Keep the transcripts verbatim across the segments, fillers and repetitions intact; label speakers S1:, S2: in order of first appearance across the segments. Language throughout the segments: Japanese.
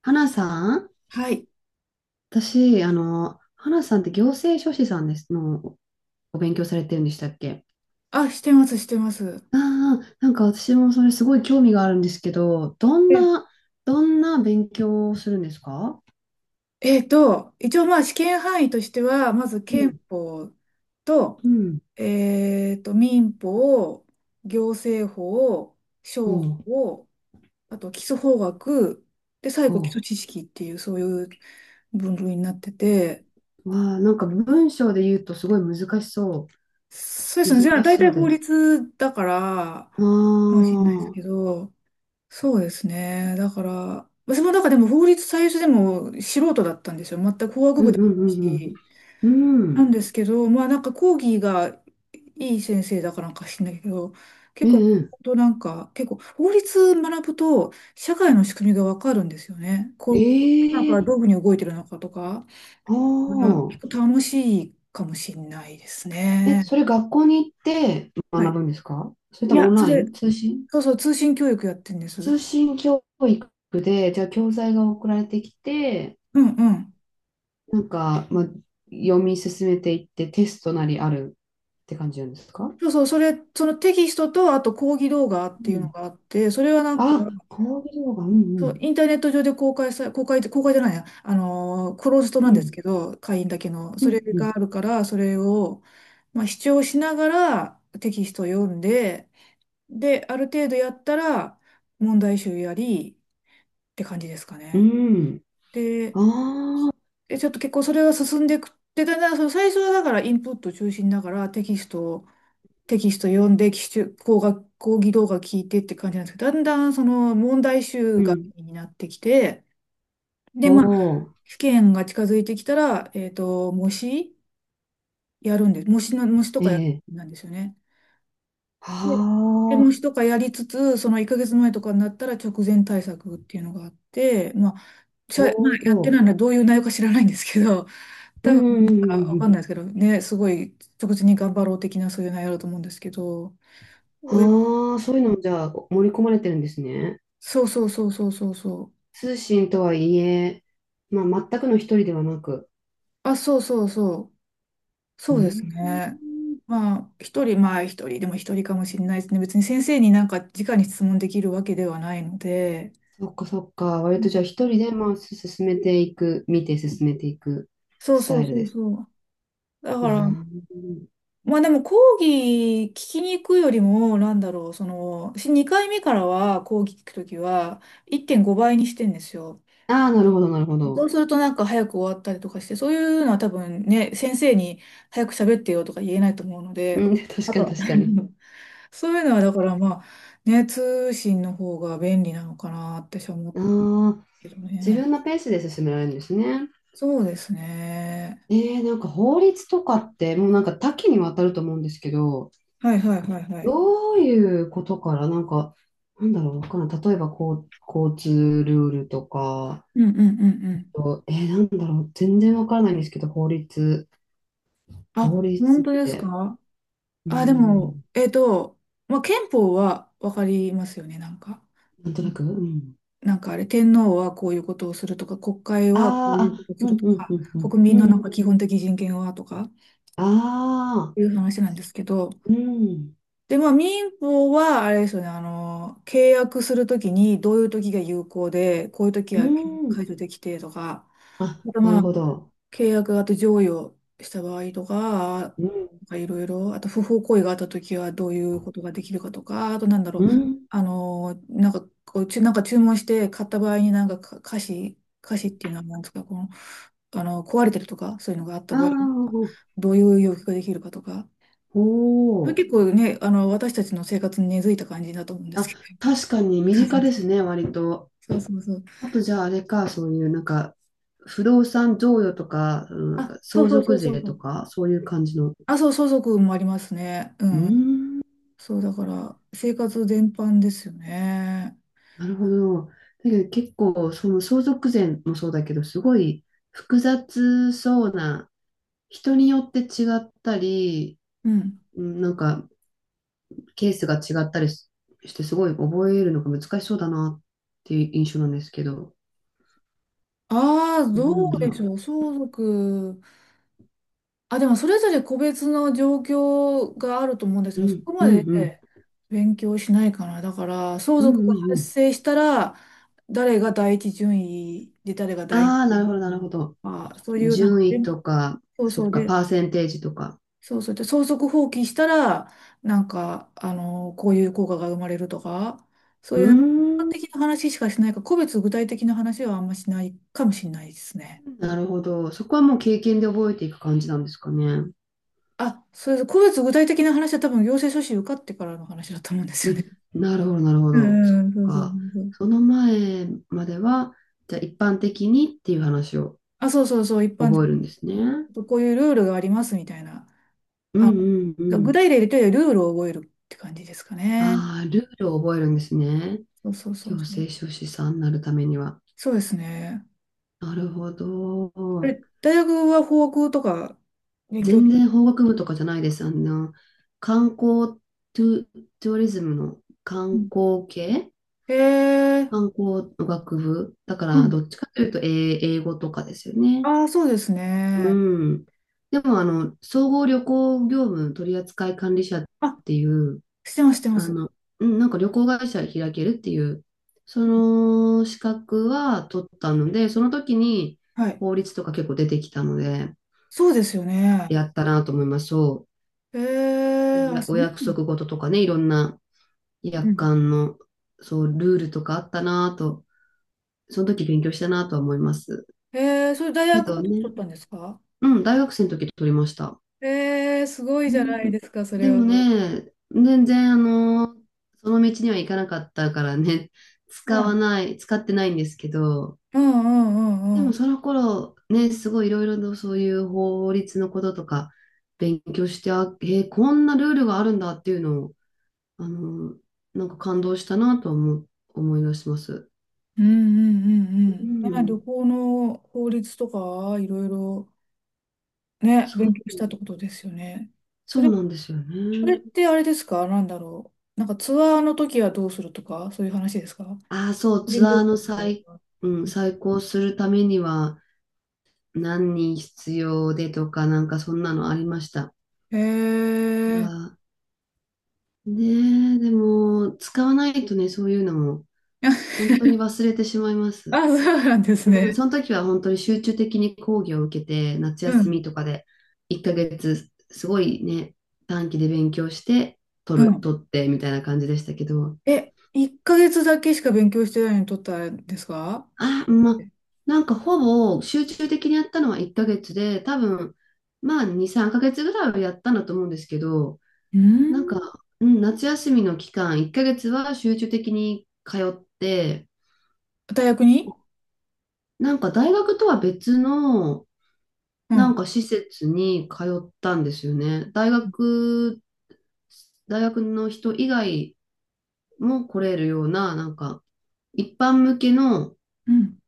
S1: 花さん。
S2: はい。
S1: 私、あの、花さんって行政書士さんです、のおお勉強されてるんでしたっけ？
S2: あ、してます、してます。
S1: ああ、なんか私もそれすごい興味があるんですけど、どん
S2: え
S1: な、どんな勉強をするんですか？
S2: えっと、一応まあ試験範囲としては、まず
S1: う
S2: 憲
S1: ん。
S2: 法と、
S1: うん。
S2: えっと、民法、行政法、商
S1: おう、
S2: 法、あと基礎法学、で、最後基
S1: お
S2: 礎
S1: う。
S2: 知識っていう、そういう分類になってて、
S1: わあ、なんか文章で言うとすごい難しそ
S2: そうで
S1: う。
S2: すね。じゃあ
S1: 難し
S2: 大
S1: そ
S2: 体
S1: う
S2: 法
S1: です。
S2: 律だから、
S1: ああ、
S2: かもしれないです
S1: う
S2: け
S1: ん。
S2: ど、そうですね。だから、私もだからでも法律最初でも素人だったんですよ。全く法学
S1: うん。
S2: 部でも
S1: う
S2: ない
S1: ん。
S2: し。
S1: うん。う
S2: なん
S1: ん。
S2: ですけど、まあなんか講義がいい先生だからなんか知んないけど、結
S1: う
S2: 構、
S1: ん。うん。
S2: 本当なんか、結構法律学ぶと社会の仕組みがわかるんですよね。
S1: え
S2: こう、なん
S1: え
S2: かどういうふうに動いてるのかとか、
S1: ー、
S2: うん
S1: あ
S2: 結
S1: あ。
S2: 構楽しいかもしれないです
S1: え、
S2: ね。
S1: それ学校に行って
S2: は
S1: 学
S2: い。
S1: ぶんですか、それ
S2: い
S1: ともオ
S2: や、
S1: ン
S2: そ
S1: ライ
S2: れ、
S1: ン、通信？
S2: そうそう、通信教育やってるんです。う
S1: 通信教育で、じゃあ教材が送られてきて、
S2: んうん。
S1: なんか、まあ、読み進めていってテストなりあるって感じなんですか？
S2: そうそう、それ、そのテキストと、あと講義動画っ
S1: う
S2: ていうの
S1: ん。
S2: があって、それはなんか、
S1: あ、講義動画、うん。う
S2: そう、
S1: ん。
S2: インターネット上で公開さ、公開、公開じゃないや、あのー、クローズドな
S1: う
S2: んです
S1: ん、
S2: けど、会員だけの、
S1: う
S2: それが
S1: ん、
S2: あるから、それを、まあ、視聴しながらテキストを読んで、で、ある程度やったら、問題集やり、って感じですか
S1: う
S2: ね。
S1: ん。うん、
S2: で、
S1: ああ、
S2: でちょっと結構それが進んでいく。で、だんだん、その最初はだからインプット中心だから、テキストをテキスト読んで、基準講学、講義動画聞いてって感じなんですけど、だんだんその問題
S1: う
S2: 集が
S1: ん。
S2: 気になってきて、で、
S1: お
S2: まあ、
S1: お、
S2: 試験が近づいてきたら、えっと、模試やるんです。模試の、模試と
S1: え
S2: かやる
S1: え。
S2: なんですよね。
S1: は
S2: で、で模試と
S1: あ、
S2: かやりつつ、そのいっかげつまえとかになったら直前対策っていうのがあって、まあ、私はまあ、
S1: お
S2: やってな
S1: お。
S2: いのはどういう内容か知らないんですけど、
S1: う
S2: 多
S1: ん、
S2: 分
S1: う
S2: な
S1: ん、
S2: ん
S1: うん。う
S2: か
S1: ん。
S2: わ
S1: う
S2: か
S1: ん。
S2: んないですけどね、すごい直前に頑張ろう的なそういう内容だと思うんですけど、親
S1: ああ、そういうのもじゃあ盛り込まれてるんですね。
S2: そうそうそうそうそうそう。
S1: 通信とはいえ、まあ、全くの一人ではなく。
S2: あ、そうそうそう。
S1: う
S2: そ
S1: ー
S2: うですね。
S1: ん、
S2: まあ、一人、まあ一人でも一人かもしれないですね。別に先生になんか直に質問できるわけではないので。
S1: そっか、そっか。割
S2: う
S1: と
S2: ん
S1: じゃあ一人で、まあ、す進めていく、見て進めていく
S2: そう
S1: ス
S2: そ
S1: タ
S2: う
S1: イル
S2: そう
S1: です。
S2: そう。だから、まあでも講義聞きに行くよりも、なんだろう、その、しにかいめからは講義聞くときはいってんごばいにしてんですよ。
S1: ああー、なるほど、なるほ
S2: そ
S1: ど。
S2: うするとなんか早く終わったりとかして、そういうのは多分ね、先生に早く喋ってよとか言えないと思うので、
S1: うん、確
S2: あ
S1: か
S2: と
S1: に、
S2: は
S1: 確かに。
S2: そういうのはだからまあ、ね、通信の方が便利なのかなって私は思
S1: あ
S2: う
S1: あ、
S2: けど
S1: 自
S2: ね。
S1: 分のペースで進められるんですね。
S2: そうですね。
S1: えー、なんか法律とかって、もうなんか多岐にわたると思うんですけど、
S2: はいはいはいはい。
S1: どういうことから、なんか、なんだろう、わからん。例えば、こう、交通ルールとか、
S2: うんうんうんうん。
S1: と、えーなんだろう、全然わからないんですけど、法律、法
S2: あ、
S1: 律
S2: 本
S1: っ
S2: 当です
S1: て、
S2: か？
S1: うー
S2: あ、でも、
S1: ん、
S2: えっと、まあ、憲法はわかりますよね、なんか。
S1: なんと
S2: う
S1: な
S2: ん
S1: く、うん。
S2: なんかあれ、天皇はこういうことをするとか、国会
S1: あ
S2: はこういう
S1: ー
S2: こ
S1: あ、
S2: とをす
S1: う
S2: る
S1: ん。
S2: と
S1: うん。
S2: か、
S1: うん。うん。
S2: 国
S1: う
S2: 民のなん
S1: ん、
S2: か基本的人権はとか、
S1: ああ、
S2: いう話なんですけど、
S1: うん、
S2: で、まあ、民法は、あれですよね、あの、契約するときに、どういうときが有効で、こういうとき
S1: う
S2: は
S1: ん、
S2: 解除できてとか、
S1: あ、
S2: あと、
S1: な
S2: ま
S1: る
S2: あ、
S1: ほど、
S2: 契約があと譲与した場合とか、なん
S1: うん、
S2: かいろいろ、あと不法行為があったときはどういうことができるかとか、あとなんだろう、
S1: うん、
S2: あの、なんかこう、ちゅ、なんか注文して買った場合になんかか瑕疵、瑕疵っていうのはなんですか、この、あの、壊れてるとか、そういうのがあった
S1: あ
S2: 場合、
S1: あ、
S2: どういう要求ができるかとか、
S1: お
S2: それ
S1: お、
S2: 結構ね、あの、私たちの生活に根付いた感じだと思うんです
S1: あ、
S2: けど。
S1: 確かに身近で すね、割と。
S2: そうそうそう。
S1: あとじゃああれか、そういうなんか、不動産贈与とか、うん、なん
S2: あ、
S1: か
S2: そう
S1: 相
S2: そうそ
S1: 続
S2: うそう
S1: 税
S2: そ
S1: と
S2: う。
S1: か、そういう感じの。
S2: あ、そう、相続もありますね。う
S1: うー
S2: ん。
S1: ん、
S2: そう、だから、生活全般ですよね。
S1: なるほど。だけど結構、その相続税もそうだけど、すごい複雑そうな、人によって違ったり、
S2: うん。
S1: うん、なんかケースが違ったりしして、すごい覚えるのが難しそうだなっていう印象なんですけど。
S2: ああ、
S1: な
S2: どう
S1: んだ
S2: でし
S1: ろ
S2: ょう。相続。あ、でも、それぞれ個別の状況があると思うんですけ
S1: う。う
S2: ど、そ
S1: ん、
S2: こ
S1: う
S2: ま
S1: ん、
S2: で
S1: うん。
S2: 勉強しないかな。だから、相
S1: うん、
S2: 続
S1: う
S2: が
S1: ん、う
S2: 発
S1: ん。
S2: 生したら、誰がだいいちじゅんいで、誰が第
S1: ああ、なるほ
S2: 二
S1: ど、な
S2: 順
S1: るほ
S2: 位。
S1: ど。
S2: あ、そういう、なん
S1: 順
S2: か、
S1: 位とか、
S2: そう
S1: そ
S2: そ
S1: っ
S2: う
S1: か、
S2: で、
S1: パーセンテージとか。
S2: そうそうで、相続放棄したら、なんか、あの、こういう効果が生まれるとか、そう
S1: う
S2: いうなんか一般
S1: ーん、
S2: 的な話しかしないから、個別具体的な話はあんましないかもしれないですね。
S1: なるほど。そこはもう経験で覚えていく感じなんですかね。
S2: あ、それで、個別具体的な話は多分行政書士受かってからの話だと思うんです
S1: う
S2: よね。
S1: ん、なるほど、なる ほ
S2: う
S1: ど。そっ
S2: んうん、そうそうそ
S1: か。
S2: うそう。
S1: その前までは、じゃあ一般的にっていう話を
S2: あ、そうそうそう、一般的
S1: 覚えるん
S2: に、
S1: ですね。
S2: こういうルールがありますみたいな。
S1: うん。うん。う
S2: 具
S1: ん。
S2: 体例で言うとルールを覚えるって感じですかね。
S1: ああ、ルールを覚えるんですね。
S2: そうそうそ
S1: 行
S2: うそう。
S1: 政書士さんになるためには。
S2: そうですね。
S1: なるほ
S2: あ
S1: ど。
S2: れ、大学は法学とか勉強
S1: 全
S2: した
S1: 然
S2: こと？
S1: 法学部とかじゃないです。あの、観光、トゥ、トゥーリズムの
S2: う
S1: 観
S2: ん。
S1: 光系
S2: とへえ。
S1: 観光の学部。だか
S2: う
S1: ら、ど
S2: ん
S1: っちかというと英英語とかですよね。
S2: ああ、そうです
S1: う
S2: ね。
S1: ん。でも、あの、総合旅行業務取扱管理者っ
S2: あ、
S1: ていう、
S2: してます、してま
S1: あ
S2: す。
S1: の、うん、なんか旅行会社開けるっていう、その資格は取ったので、その時に
S2: はい。
S1: 法律とか結構出てきたので、
S2: そうですよね。
S1: やったなと思います。そ
S2: へ
S1: う。
S2: え、
S1: お
S2: あ、
S1: や
S2: そ
S1: お
S2: う。
S1: 約束事とかね、いろんな
S2: う
S1: 約
S2: ん
S1: 款の、そう、ルールとかあったなと、その時勉強したなとは思います。
S2: へえ、それ大
S1: け
S2: 学の
S1: ど
S2: 時
S1: ね、
S2: 取ったんですか？
S1: うん、大学生の時取りました。
S2: へえ、すごい
S1: う
S2: じゃない
S1: ん、
S2: ですか、そ
S1: で
S2: れは。
S1: も
S2: う
S1: ね、全然あの、その道には行かなかったからね、使
S2: ん
S1: わない、使ってないんですけど、
S2: うんうんう
S1: で
S2: んう
S1: も
S2: ん。
S1: その頃ね、すごいいろいろとそういう法律のこととか勉強して、あ、えーこんなルールがあるんだっていうのを、あの、なんか感動したなと思う、思い出します。
S2: うんうんうんう
S1: う
S2: ん。ね、旅
S1: ん、
S2: 行の法律とか、いろいろね、
S1: そ
S2: 勉
S1: う、
S2: 強したってことですよね。そ
S1: そ
S2: れ
S1: うなんですよ
S2: それっ
S1: ね。
S2: てあれですか？なんだろう。なんかツアーの時はどうするとか、そういう話ですか？個
S1: ああ、そう、
S2: 人
S1: ツア
S2: 旅
S1: ー
S2: 行
S1: の
S2: の場
S1: 最、
S2: 合は。
S1: うん、再考するためには、何人必要でとか、なんかそんなのありました。
S2: へえ。
S1: が、ねえ、でも、使わないとね、そういうのも、本当に忘れてしまいま
S2: あ、
S1: す。
S2: そうなんです
S1: う
S2: ね。
S1: ん、その時は本当に集中的に講義を受けて、夏
S2: う
S1: 休
S2: ん。
S1: みとかで、いっかげつ、すごいね、短期で勉強して、
S2: う
S1: 取る、
S2: ん。
S1: 取って、みたいな感じでしたけど、
S2: え、いっかげつだけしか勉強してないのに取ったんですか？
S1: あ、まあ、なんかほぼ集中的にやったのはいっかげつで、多分、まあに、さんかげつぐらいはやったんだと思うんですけど、
S2: う
S1: なんか、
S2: ん。
S1: うん、夏休みの期間、いっかげつは集中的に通って、
S2: 大学に。
S1: なんか大学とは別の、
S2: う
S1: なん
S2: ん。
S1: か施設に通ったんですよね。大学、大学の人以外も来れるような、なんか、一般向けの
S2: うん。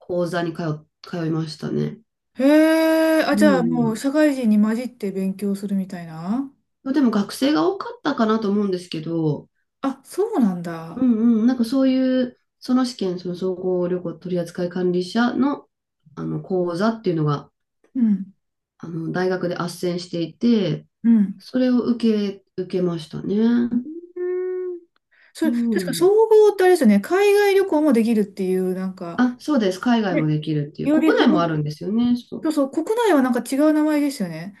S1: 講座に通、通いましたね。
S2: へえ。あ、
S1: う
S2: じゃあもう
S1: ん。
S2: 社会人に混じって勉強するみたいな？
S1: うん。でも学生が多かったかなと思うんですけど、
S2: あ、そうなん
S1: う
S2: だ。
S1: ん。うん。なんかそういう、その試験、その総合旅行取扱管理者の、あの講座っていうのが
S2: うん。
S1: あの、大学で斡旋していて、
S2: うん。
S1: それを受け、受けましたね。
S2: うーん、
S1: う
S2: それ、確か総
S1: ん。
S2: 合ってあれですよね、海外旅行もできるっていう、なんか、
S1: あ、そうです。海外も
S2: ね、
S1: できるっていう。
S2: よ
S1: 国
S2: り
S1: 内
S2: 幅、
S1: もあるんですよね。
S2: そ
S1: そ
S2: うそう、国内はなんか違う名前ですよね。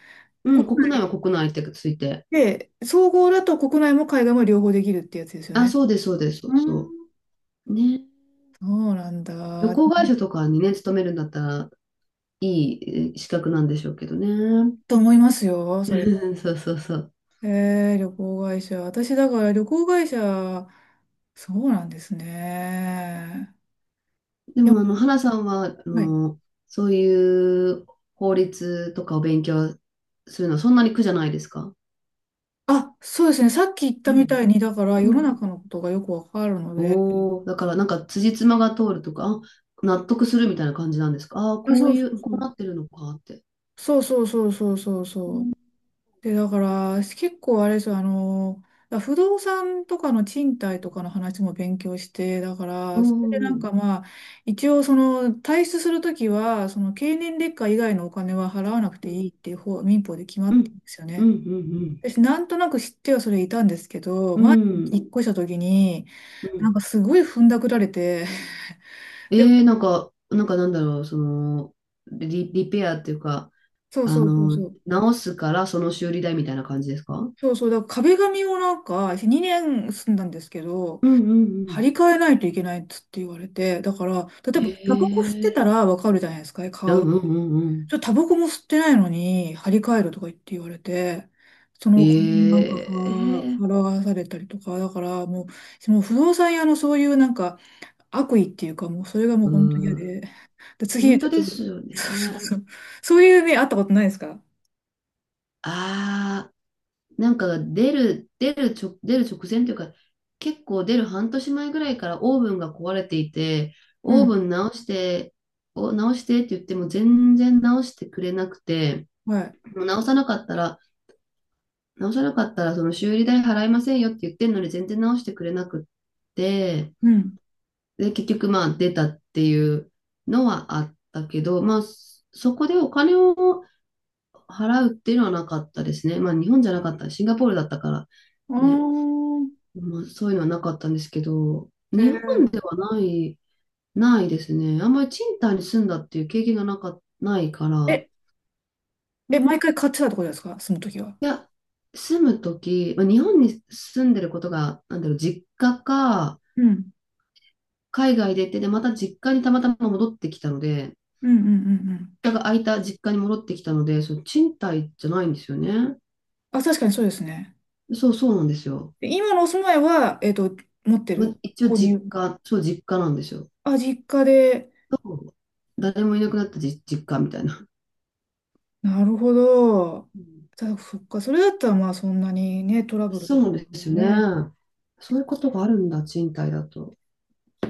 S1: う。うん、
S2: 国
S1: 国内は
S2: 内
S1: 国内ってついて。
S2: で、総合だと国内も海外も両方できるってやつですよ
S1: あ、
S2: ね。
S1: そうです、そうです、そう
S2: うー
S1: そ
S2: ん
S1: う。ね。
S2: そうなん
S1: 旅
S2: だ。
S1: 行会社とかにね、勤めるんだったら、いいえー資格なんでしょうけどね。
S2: と思いますよ、それ。
S1: うん、そう、そう、そう。
S2: えー、旅行会社。私、だから旅行会社、そうなんですね。
S1: でも、あの、花さんは、あ
S2: はい。
S1: の、そういう法律とかを勉強するのはそんなに苦じゃないですか？
S2: あ、そうですね。さっき言っ
S1: う
S2: たみた
S1: ん。
S2: いに、だから
S1: う
S2: 世の
S1: ん、
S2: 中のことがよくわかるので。
S1: おお、だからなんか辻褄が通るとか、あ、納得するみたいな感じなんですか。ああー、
S2: あ、
S1: こう
S2: そう
S1: い
S2: そう
S1: う、こ
S2: そ
S1: う
S2: う。
S1: なってるのかって。
S2: そうそうそうそうそうそう。で、だから、結構あれですよ、あの、だ不動産とかの賃貸とかの話も勉強して、だか
S1: う
S2: ら、それでなんか
S1: ん。
S2: まあ、一応その、退出するときは、その経年劣化以外のお金は払わなくて
S1: うん。
S2: いいっていう方、民法で決ま
S1: う
S2: って
S1: ん。
S2: るんですよ
S1: うん。
S2: ね。
S1: うん。
S2: 私、なんとなく知ってはそれいたんですけど、
S1: う
S2: 前に
S1: ん。
S2: 引っ越したときに、
S1: う
S2: なん
S1: ん。
S2: かすごい踏んだくられて、
S1: え
S2: でも、
S1: ー、なんか、なんか、なんだろう、その、リ、リペアっていうか、
S2: そう
S1: あ
S2: そうそう
S1: の、
S2: そう。
S1: 直すからその修理代みたいな感じですか？うん。
S2: そうそう、だから壁紙をなんかにねん住んだんですけど、
S1: うん。う
S2: 張
S1: ん。
S2: り替えないといけないっつって言われて、だから、例え
S1: え
S2: ばタバコ吸って
S1: ー、
S2: たらわかるじゃないですか、
S1: うん。
S2: 香る。
S1: うん。うん。うん。
S2: ちょっとタバコも吸ってないのに張り替えるとか言って言われて、その子になんか
S1: え
S2: は払
S1: ー、
S2: わされたりとか、だからもう、その不動産屋のそういうなんか悪意っていうか、もうそれがもう
S1: う
S2: 本当に嫌
S1: ん、
S2: で、で次、
S1: 本
S2: ち
S1: 当
S2: ょ
S1: で
S2: っと、
S1: すよ
S2: そうそう
S1: ね。
S2: そう、そういう目あったことないですか？
S1: ああ。なんか出る、出るちょ、出る直前というか、結構出るはんとし前ぐらいからオーブンが壊れていて、
S2: う
S1: オーブ
S2: ん。
S1: ン直して、お、直してって言っても全然直してくれなくて、
S2: はい。
S1: もう直さなかったら、直さなかったらその修理代払いませんよって言ってんのに全然直してくれなくって、
S2: うん。
S1: で、結局まあ出たっていうのはあったけど、まあそこでお金を払うっていうのはなかったですね。まあ日本じゃなかった、シンガポールだったから。
S2: ああ、
S1: ね、まあ、そういうのはなかったんですけど、
S2: へえ
S1: 日本
S2: ー
S1: ではない、ないですね。あんまり賃貸に住んだっていう経験がなか、ないか
S2: え、
S1: ら、う
S2: え、
S1: ん、
S2: 毎
S1: い
S2: 回買ってたってことですか？その時は。
S1: や、住むとき、まあ、日本に住んでることが、なんだろう、実家か、
S2: うん。
S1: 海外でって、で、また実家にたまたま戻ってきたので、
S2: うんうんうんうん。
S1: 実家が空いた実家に戻ってきたので、その賃貸じゃないんですよね。
S2: あ、確かにそうですね。
S1: そうそうなんですよ。
S2: で、今のお住まいは、えっと、持って
S1: まあ、
S2: る。
S1: 一応
S2: 購
S1: 実
S2: 入。
S1: 家、そう実家なんですよ。
S2: あ、実家で。
S1: そう、誰もいなくなった実実家みたいな。
S2: なるほど。
S1: うん、
S2: じゃそっか。それだったら、まあ、そんなにね、トラブルとか
S1: そう
S2: は
S1: ですね。
S2: ね、
S1: そういうことがあるんだ、賃貸だと。